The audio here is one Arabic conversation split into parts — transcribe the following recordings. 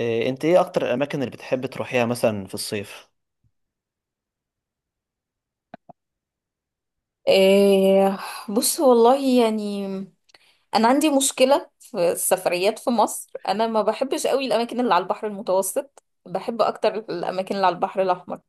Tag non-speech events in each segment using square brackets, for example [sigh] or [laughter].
إيه، انت ايه اكتر الاماكن اللي بتحب تروحيها مثلا في الصيف؟ إيه، بص والله يعني انا عندي مشكله في السفريات في مصر. انا ما بحبش قوي الاماكن اللي على البحر المتوسط، بحب اكتر الاماكن اللي على البحر الاحمر.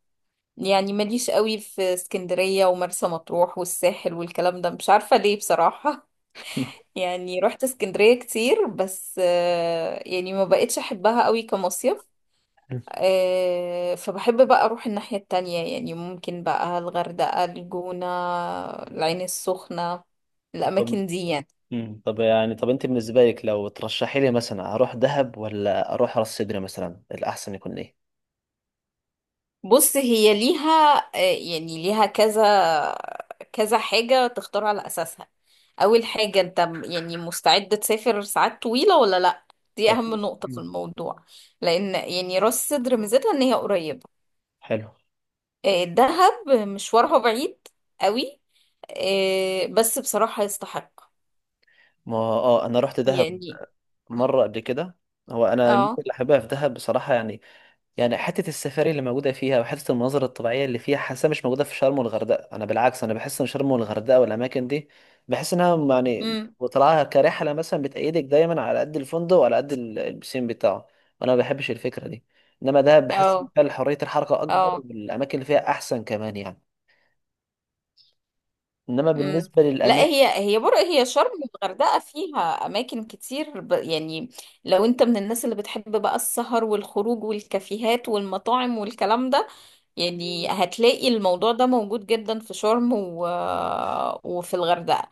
يعني ماليش قوي في اسكندريه ومرسى مطروح والساحل والكلام ده، مش عارفه ليه بصراحه. [laughs] [laughs] يعني رحت اسكندريه كتير بس يعني ما بقتش احبها قوي كمصيف. فبحب بقى اروح الناحية التانية، يعني ممكن بقى الغردقة، الجونة، العين السخنة، طب. الاماكن دي يعني. طب انت بالنسبه لك لو ترشحي لي مثلا اروح دهب ولا اروح راس سدر مثلا، الاحسن يكون ايه؟ بص هي ليها يعني ليها كذا حاجة تختار على اساسها. اول حاجة، انت يعني مستعد تسافر ساعات طويلة ولا لا؟ دي اهم أكيد. نقطة في الموضوع. لان يعني راس سدر ميزتها ان هي قريبة. حلو. دهب مشوارها بعيد قوي. بس بصراحة يستحق ما اه انا رحت دهب يعني. مره قبل كده. هو انا يمكن اه، اللي حاببها في دهب بصراحه، يعني حتة السفاري اللي موجودة فيها وحتة المناظر الطبيعية اللي فيها، حاسة مش موجودة في شرم والغردقة. أنا بالعكس، أنا بحس إن شرم والغردقة والأماكن دي، بحس إنها يعني امم، وطلعها كرحلة مثلا بتأيدك دايما على قد الفندق وعلى قد البسين بتاعه، وأنا ما بحبش الفكرة دي. إنما ده بحس إن اه فيها حرية الحركة أكبر اه، والأماكن اللي فيها أحسن كمان يعني. إنما امم. بالنسبة لا، للأماكن، هي بر، هي شرم والغردقه فيها اماكن كتير يعني لو انت من الناس اللي بتحب بقى السهر والخروج والكافيهات والمطاعم والكلام ده، يعني هتلاقي الموضوع ده موجود جدا في شرم وفي الغردقه.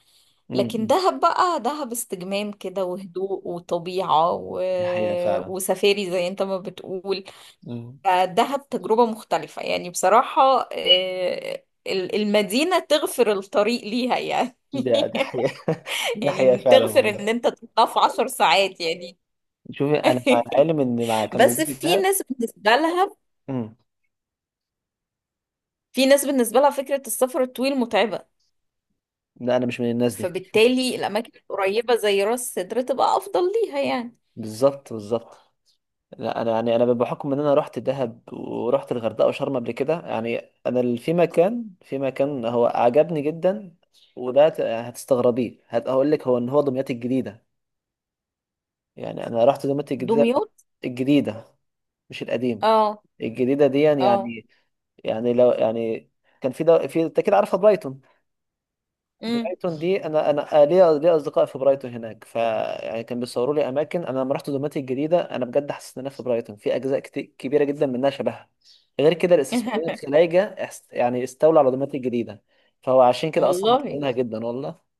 [laughs] م- لكن م. دهب بقى، دهب استجمام كده وهدوء وطبيعه دي حقيقة فعلا. وسفاري زي انت ما بتقول. م. فدهب تجربة مختلفة يعني بصراحة. المدينة تغفر الطريق ليها يعني. ده ده [laughs] حقيقة. [laughs] ده حقيقة يعني فعلا تغفر والله. ان انت تطلع في 10 ساعات يعني. شوفي أنا مع [laughs] العلم إن مع كان بس وجود في الذهب. ناس بالنسبة لها، م. في ناس بالنسبة لها فكرة السفر الطويل متعبة. لا أنا مش من الناس دي. فبالتالي الأماكن القريبة زي راس سدر تبقى أفضل ليها يعني. بالظبط بالظبط. لا انا يعني انا بحكم ان انا رحت دهب ورحت الغردقه وشرم قبل كده، يعني انا في مكان، في مكان هو عجبني جدا، وده هتستغربيه، هقول لك، هو ان هو دمياط الجديده. يعني انا رحت دمياط الجديده، دمياط؟ الجديده مش القديم، اه الجديده دي يعني. اه. يعني لو يعني كان في في، انت كده عارفه برايتون؟ امم. برايتون دي انا ليا اصدقاء في برايتون هناك، ف يعني كان بيصوروا لي اماكن. انا لما رحت دوماتي الجديده انا بجد حسيت ان انا في برايتون، في اجزاء كتير كبيره جدا منها شبهها. غير كده الاستثماريين [laughs] الخلايجه يعني استولوا على دوماتي الجديده، فهو عشان كده اصلا والله مطلعينها جدا والله.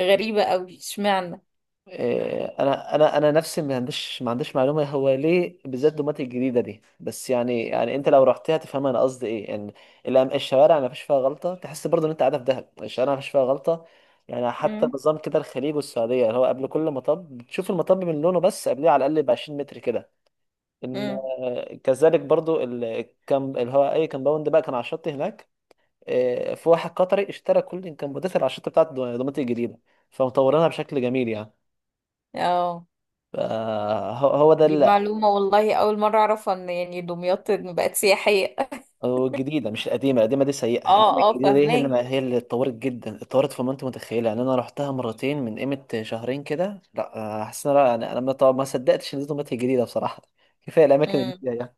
غريبة قوي، اشمعنى؟ إيه، انا نفسي، ما عنديش معلومه هو ليه بالذات دومات الجديده دي، بس يعني انت لو رحتها تفهم انا قصدي ايه يعني. الشوارع ما فيش فيها غلطه، تحس برضه ان انت قاعده في دهب، الشوارع ما فيش فيها غلطه. يعني حتى امم، نظام كده الخليج والسعوديه، اللي هو قبل كل مطب بتشوف المطب من لونه، بس قبليه على الاقل ب 20 متر كده، ان امم، كذلك برضه الكم اللي هو اي كمباوند بقى كان على الشط هناك. إيه، في واحد قطري اشترى كل الكمبوندات اللي على الشط بتاعت دومات الجديده، فمطورينها بشكل جميل يعني. اه. فهو هو ده دي اللي، معلومة والله، أول مرة أعرف إن يعني دمياط بقت سياحية. هو الجديده مش القديمه، القديمه دي [laughs] سيئه، انما اه اه، الجديده دي هي فاهماه. اللي، هي اللي اتطورت جدا، اتطورت فوق ما انت متخيله. يعني انا رحتها مرتين من قيمه شهرين كده، لا حاسس ان انا يعني انا ما صدقتش ان دي طماطم جديده بصراحه. كفايه الاماكن مم. الجديده يعني.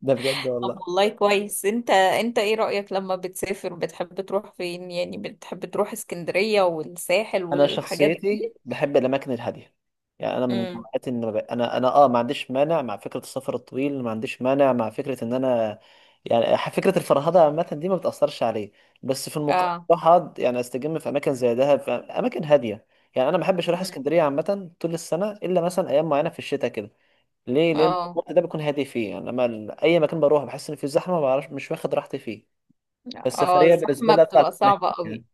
ده بجد طب والله. والله كويس، انت انت ايه رأيك لما بتسافر بتحب تروح فين؟ يعني بتحب تروح اسكندرية والساحل انا والحاجات شخصيتي دي؟ بحب الاماكن الهاديه. يعني انا من امم، نوعيات ان ما ب- انا انا اه ما عنديش مانع مع فكره السفر الطويل، ما عنديش مانع مع فكره ان انا يعني، فكره الفرهده عامه دي ما بتاثرش عليه. بس في المقابل اه. بروح اقعد يعني استجم في اماكن زي دهب، في اماكن هاديه. يعني انا ما بحبش اروح مم. اسكندريه عامه طول السنه، الا مثلا ايام معينه في الشتاء كده. ليه؟ لان اه الوقت ده بيكون هادي فيه يعني. اما اي مكان بروح بحس ان في زحمه، ما بعرفش، مش واخد راحتي فيه. اه، فالسفريه بالنسبه الزحمة لي اطلع بتبقى مكان صعبة هادي يعني. قوي.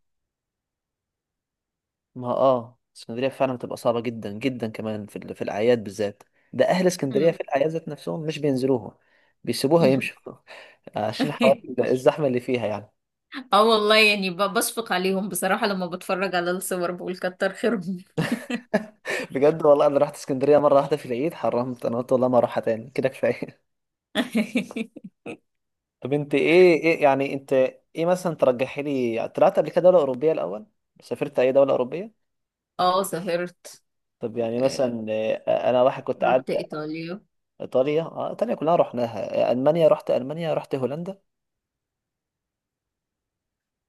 ما اه اسكندرية فعلا بتبقى صعبة جدا جدا كمان في في الأعياد بالذات. ده أهل اسكندرية مم. في الأعياد ذات نفسهم مش بينزلوها، بيسيبوها يمشوا. [laughs] عشان حوار [laughs] الزحمة اللي فيها يعني. اه والله يعني، بشفق عليهم بصراحة، لما بتفرج على الصور بقول كتر خيرهم. [laughs] بجد والله أنا رحت اسكندرية مرة واحدة في العيد حرمت، أنا قلت والله ما أروحها تاني كده، كفاية. [laughs] [laughs] طب أنت إيه يعني أنت، إيه مثلا ترجحي لي؟ طلعت قبل كده دولة أوروبية الأول؟ سافرت أي دولة أوروبية؟ اه سافرت. طب يعني آه، مثلا أنا واحد كنت قاعد. رحت ايطاليا. إيطاليا؟ آه إيطاليا كلها رحناها. آه، ألمانيا رحت ألمانيا، رحت هولندا.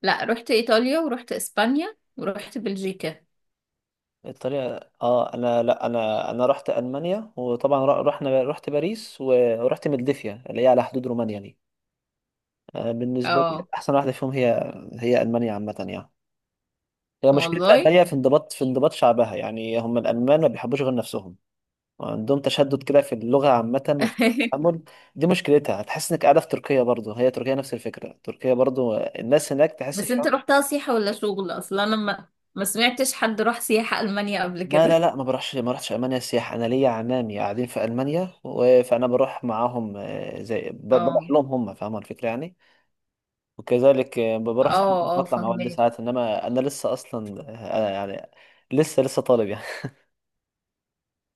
لا، رحت ايطاليا ورحت اسبانيا ورحت بلجيكا. الطريقة اه انا لا انا انا رحت المانيا، وطبعا رحنا، رحت باريس و ورحت ملدفيا اللي هي على حدود رومانيا دي. آه، بالنسبة لي اه احسن واحدة فيهم هي هي المانيا عامة يعني. هي مشكلة والله. المانيا في انضباط، في انضباط شعبها يعني. هم الالمان ما بيحبوش غير نفسهم، وعندهم تشدد كده في اللغة عامة وفي [laughs] التعامل. دي مشكلتها، هتحس انك قاعدة في تركيا برضو. هي تركيا نفس الفكرة، تركيا برضو الناس هناك تحس بس فيها. انت رحتها سياحة ولا شغل؟ اصلا انا ما سمعتش حد راح سياحة المانيا قبل لا لا كده. لا ما بروحش، ما رحتش المانيا سياحه. انا ليا عمامي قاعدين في المانيا و فانا بروح معاهم. آه، زي بروح اه لهم هم، فاهم الفكره يعني. وكذلك آه، اه، بروح ساعات اه بطلع مع والدي فهمت. ساعات، انما انا لسه اصلا، يعني لسه طالب يعني.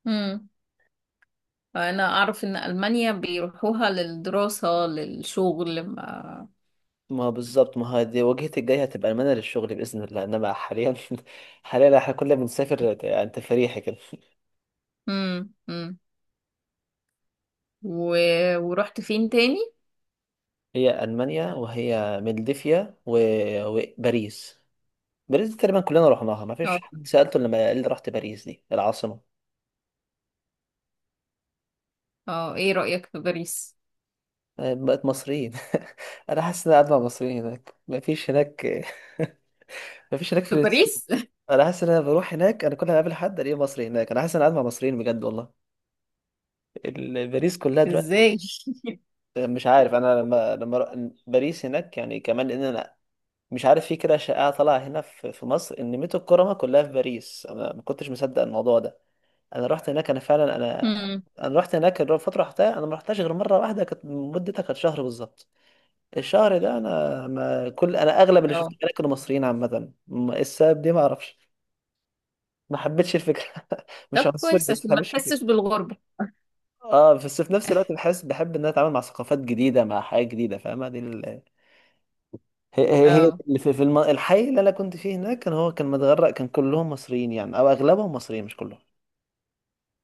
امم، انا اعرف ان المانيا بيروحوها للدراسة للشغل. ما [laughs] ما بالظبط، ما هي دي وجهتي الجايه هتبقى المانيا للشغل باذن الله، انما حاليا، [laughs] حاليا احنا كلنا بنسافر يعني تفريحي كده. [laughs] امم امم و... ورحت فين تاني؟ هي المانيا وهي ملدفيا و وباريس. باريس دي تقريبا كلنا رحناها، ما فيش اه حد سالته لما قال لي رحت باريس دي العاصمه. اه، ايه رأيك في باريس؟ طيب، بقت مصريين. [laughs] انا حاسس ان انا قاعد مع مصريين هناك، مفيش هناك، [laughs] مفيش هناك في فلسطين. باريس؟ انا حاسس ان انا بروح هناك، انا كل ما اقابل حد الاقيه مصري هناك، انا حاسس ان انا قاعد مع مصريين بجد والله. باريس كلها [laughs] دلوقتي. ازاي؟ مش عارف انا باريس هناك يعني كمان ان انا، مش عارف في كده شائعه طالعه هنا في مصر ان ميت الكرمه كلها في باريس، انا ما كنتش مصدق الموضوع ده. انا رحت هناك، انا فعلا انا، امم، انا رحت هناك الفتره رحتها، انا ما رحتهاش غير مره واحده كانت مدتها كانت شهر بالظبط. الشهر ده انا ما كل انا اغلب اللي اه. شفتهم هناك كانوا مصريين عامه، السبب دي ما اعرفش. ما حبيتش الفكره. [laughs] مش طب عنصري كويس بس عشان ما ما حبيتش الفكره. تحسش بالغربة. اه، بس في نفس الوقت بحس بحب ان انا اتعامل مع ثقافات جديده، مع حياه جديده، فاهمه دي هي هي اه، اللي في الحي اللي انا كنت فيه هناك كان هو كان متغرق، كان كلهم مصريين يعني، او اغلبهم مصريين مش كلهم.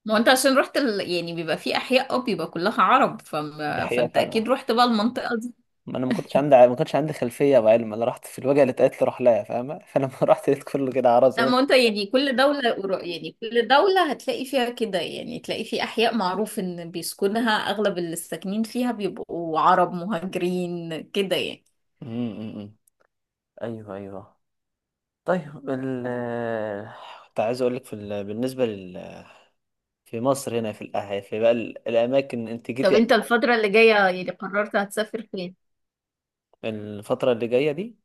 ما هو انت عشان رحت يعني بيبقى في احياء، اه بيبقى كلها عرب دي حقيقه فانت اكيد فعلا. رحت بقى المنطقه دي. ما انا ما كنتش عندي خلفيه وعلم، انا رحت في الوجهه اللي اتقالت لي روح لها فاهمه، فلما [laughs] رحت لقيت كله كده عرب زي لا ما ما هو انت. انت يعني، كل يعني كل دوله هتلاقي فيها كده، يعني تلاقي في احياء معروف ان بيسكنها اغلب اللي ساكنين فيها بيبقوا عرب مهاجرين كده يعني. أمم، أمم، أمم. ايوه ايوه. طيب ال، كنت عايز اقول لك في بالنسبه في مصر هنا في بقى الاماكن انت جيتي طب انت يعني. الفتره اللي جايه يعني قررت هتسافر فين؟ الفتره اللي جايه دي،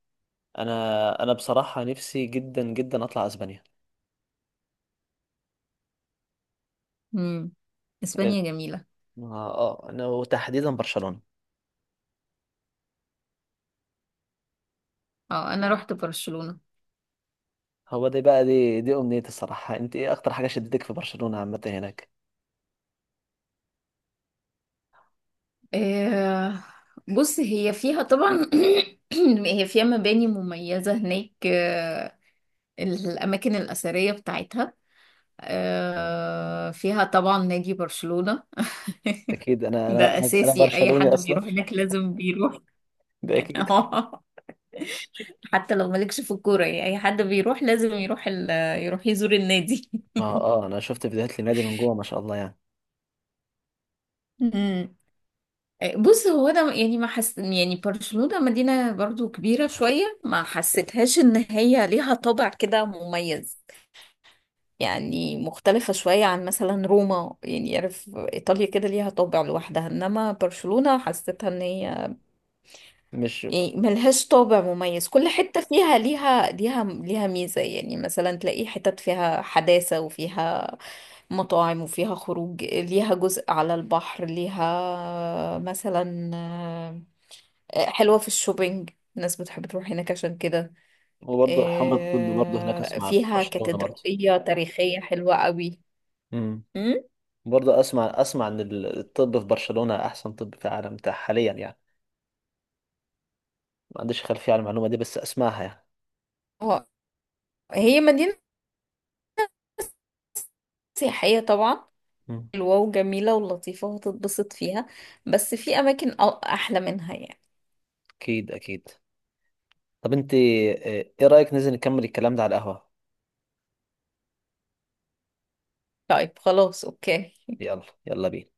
انا انا بصراحه نفسي جدا جدا اطلع اسبانيا. امم، اه. اسبانيا جميله. آه، انا وتحديدا برشلونه. اه، انا رحت برشلونه. هو دي بقى، دي دي امنيتي الصراحه. انت ايه اكتر حاجه شدتك في برشلونه عامه هناك؟ آه، بص هي فيها طبعا [clears throat] هي فيها مباني مميزة هناك، الأماكن الأثرية بتاعتها. فيها طبعا نادي برشلونة. [laughs] اكيد انا انا ده انا أنا أساسي، أي برشلوني حد اصلا. بيروح هناك لازم بيروح. ده اكيد. [laughs] حتى لو مالكش في الكورة يعني، أي حد بيروح لازم يروح يروح يزور النادي. ما اه انا شفت فيديوهات للنادي من جوه ما شاء الله يعني. مم. بص هو أنا يعني ما حس، يعني برشلونة مدينة برضو كبيرة شوية، ما حسيتهاش إن هي ليها طابع كده مميز. يعني مختلفة شوية عن مثلا روما، يعني عارف إيطاليا كده ليها طابع لوحدها، إنما برشلونة حسيتها إن هي مش، يعني ملهاش طابع مميز. كل حتة فيها ليها، ليها ميزة، يعني مثلا تلاقي حتت فيها حداثة وفيها مطاعم وفيها خروج، ليها جزء على البحر، ليها مثلا حلوة في الشوبينج، الناس بتحب تروح هناك عشان كده. وبرضه حوار الطب برضه هناك، اسمع في فيها برشلونه برضه. كاتدرائية تاريخية حلوة قوي. إمم. مم؟ برضه اسمع، اسمع ان الطب في برشلونة احسن طب في العالم، حاليا يعني. ما عنديش خلفية على المعلومة دي بس اسمعها يعني. هي مدينة سياحية طبعا، مم. حلوة وجميلة ولطيفة وهتتبسط فيها، بس في أماكن أحلى منها يعني. اكيد اكيد. طب انت آه، ايه رأيك ننزل نكمل الكلام ده على القهوة؟ طيب خلاص، أوكي. يلا يلا بينا.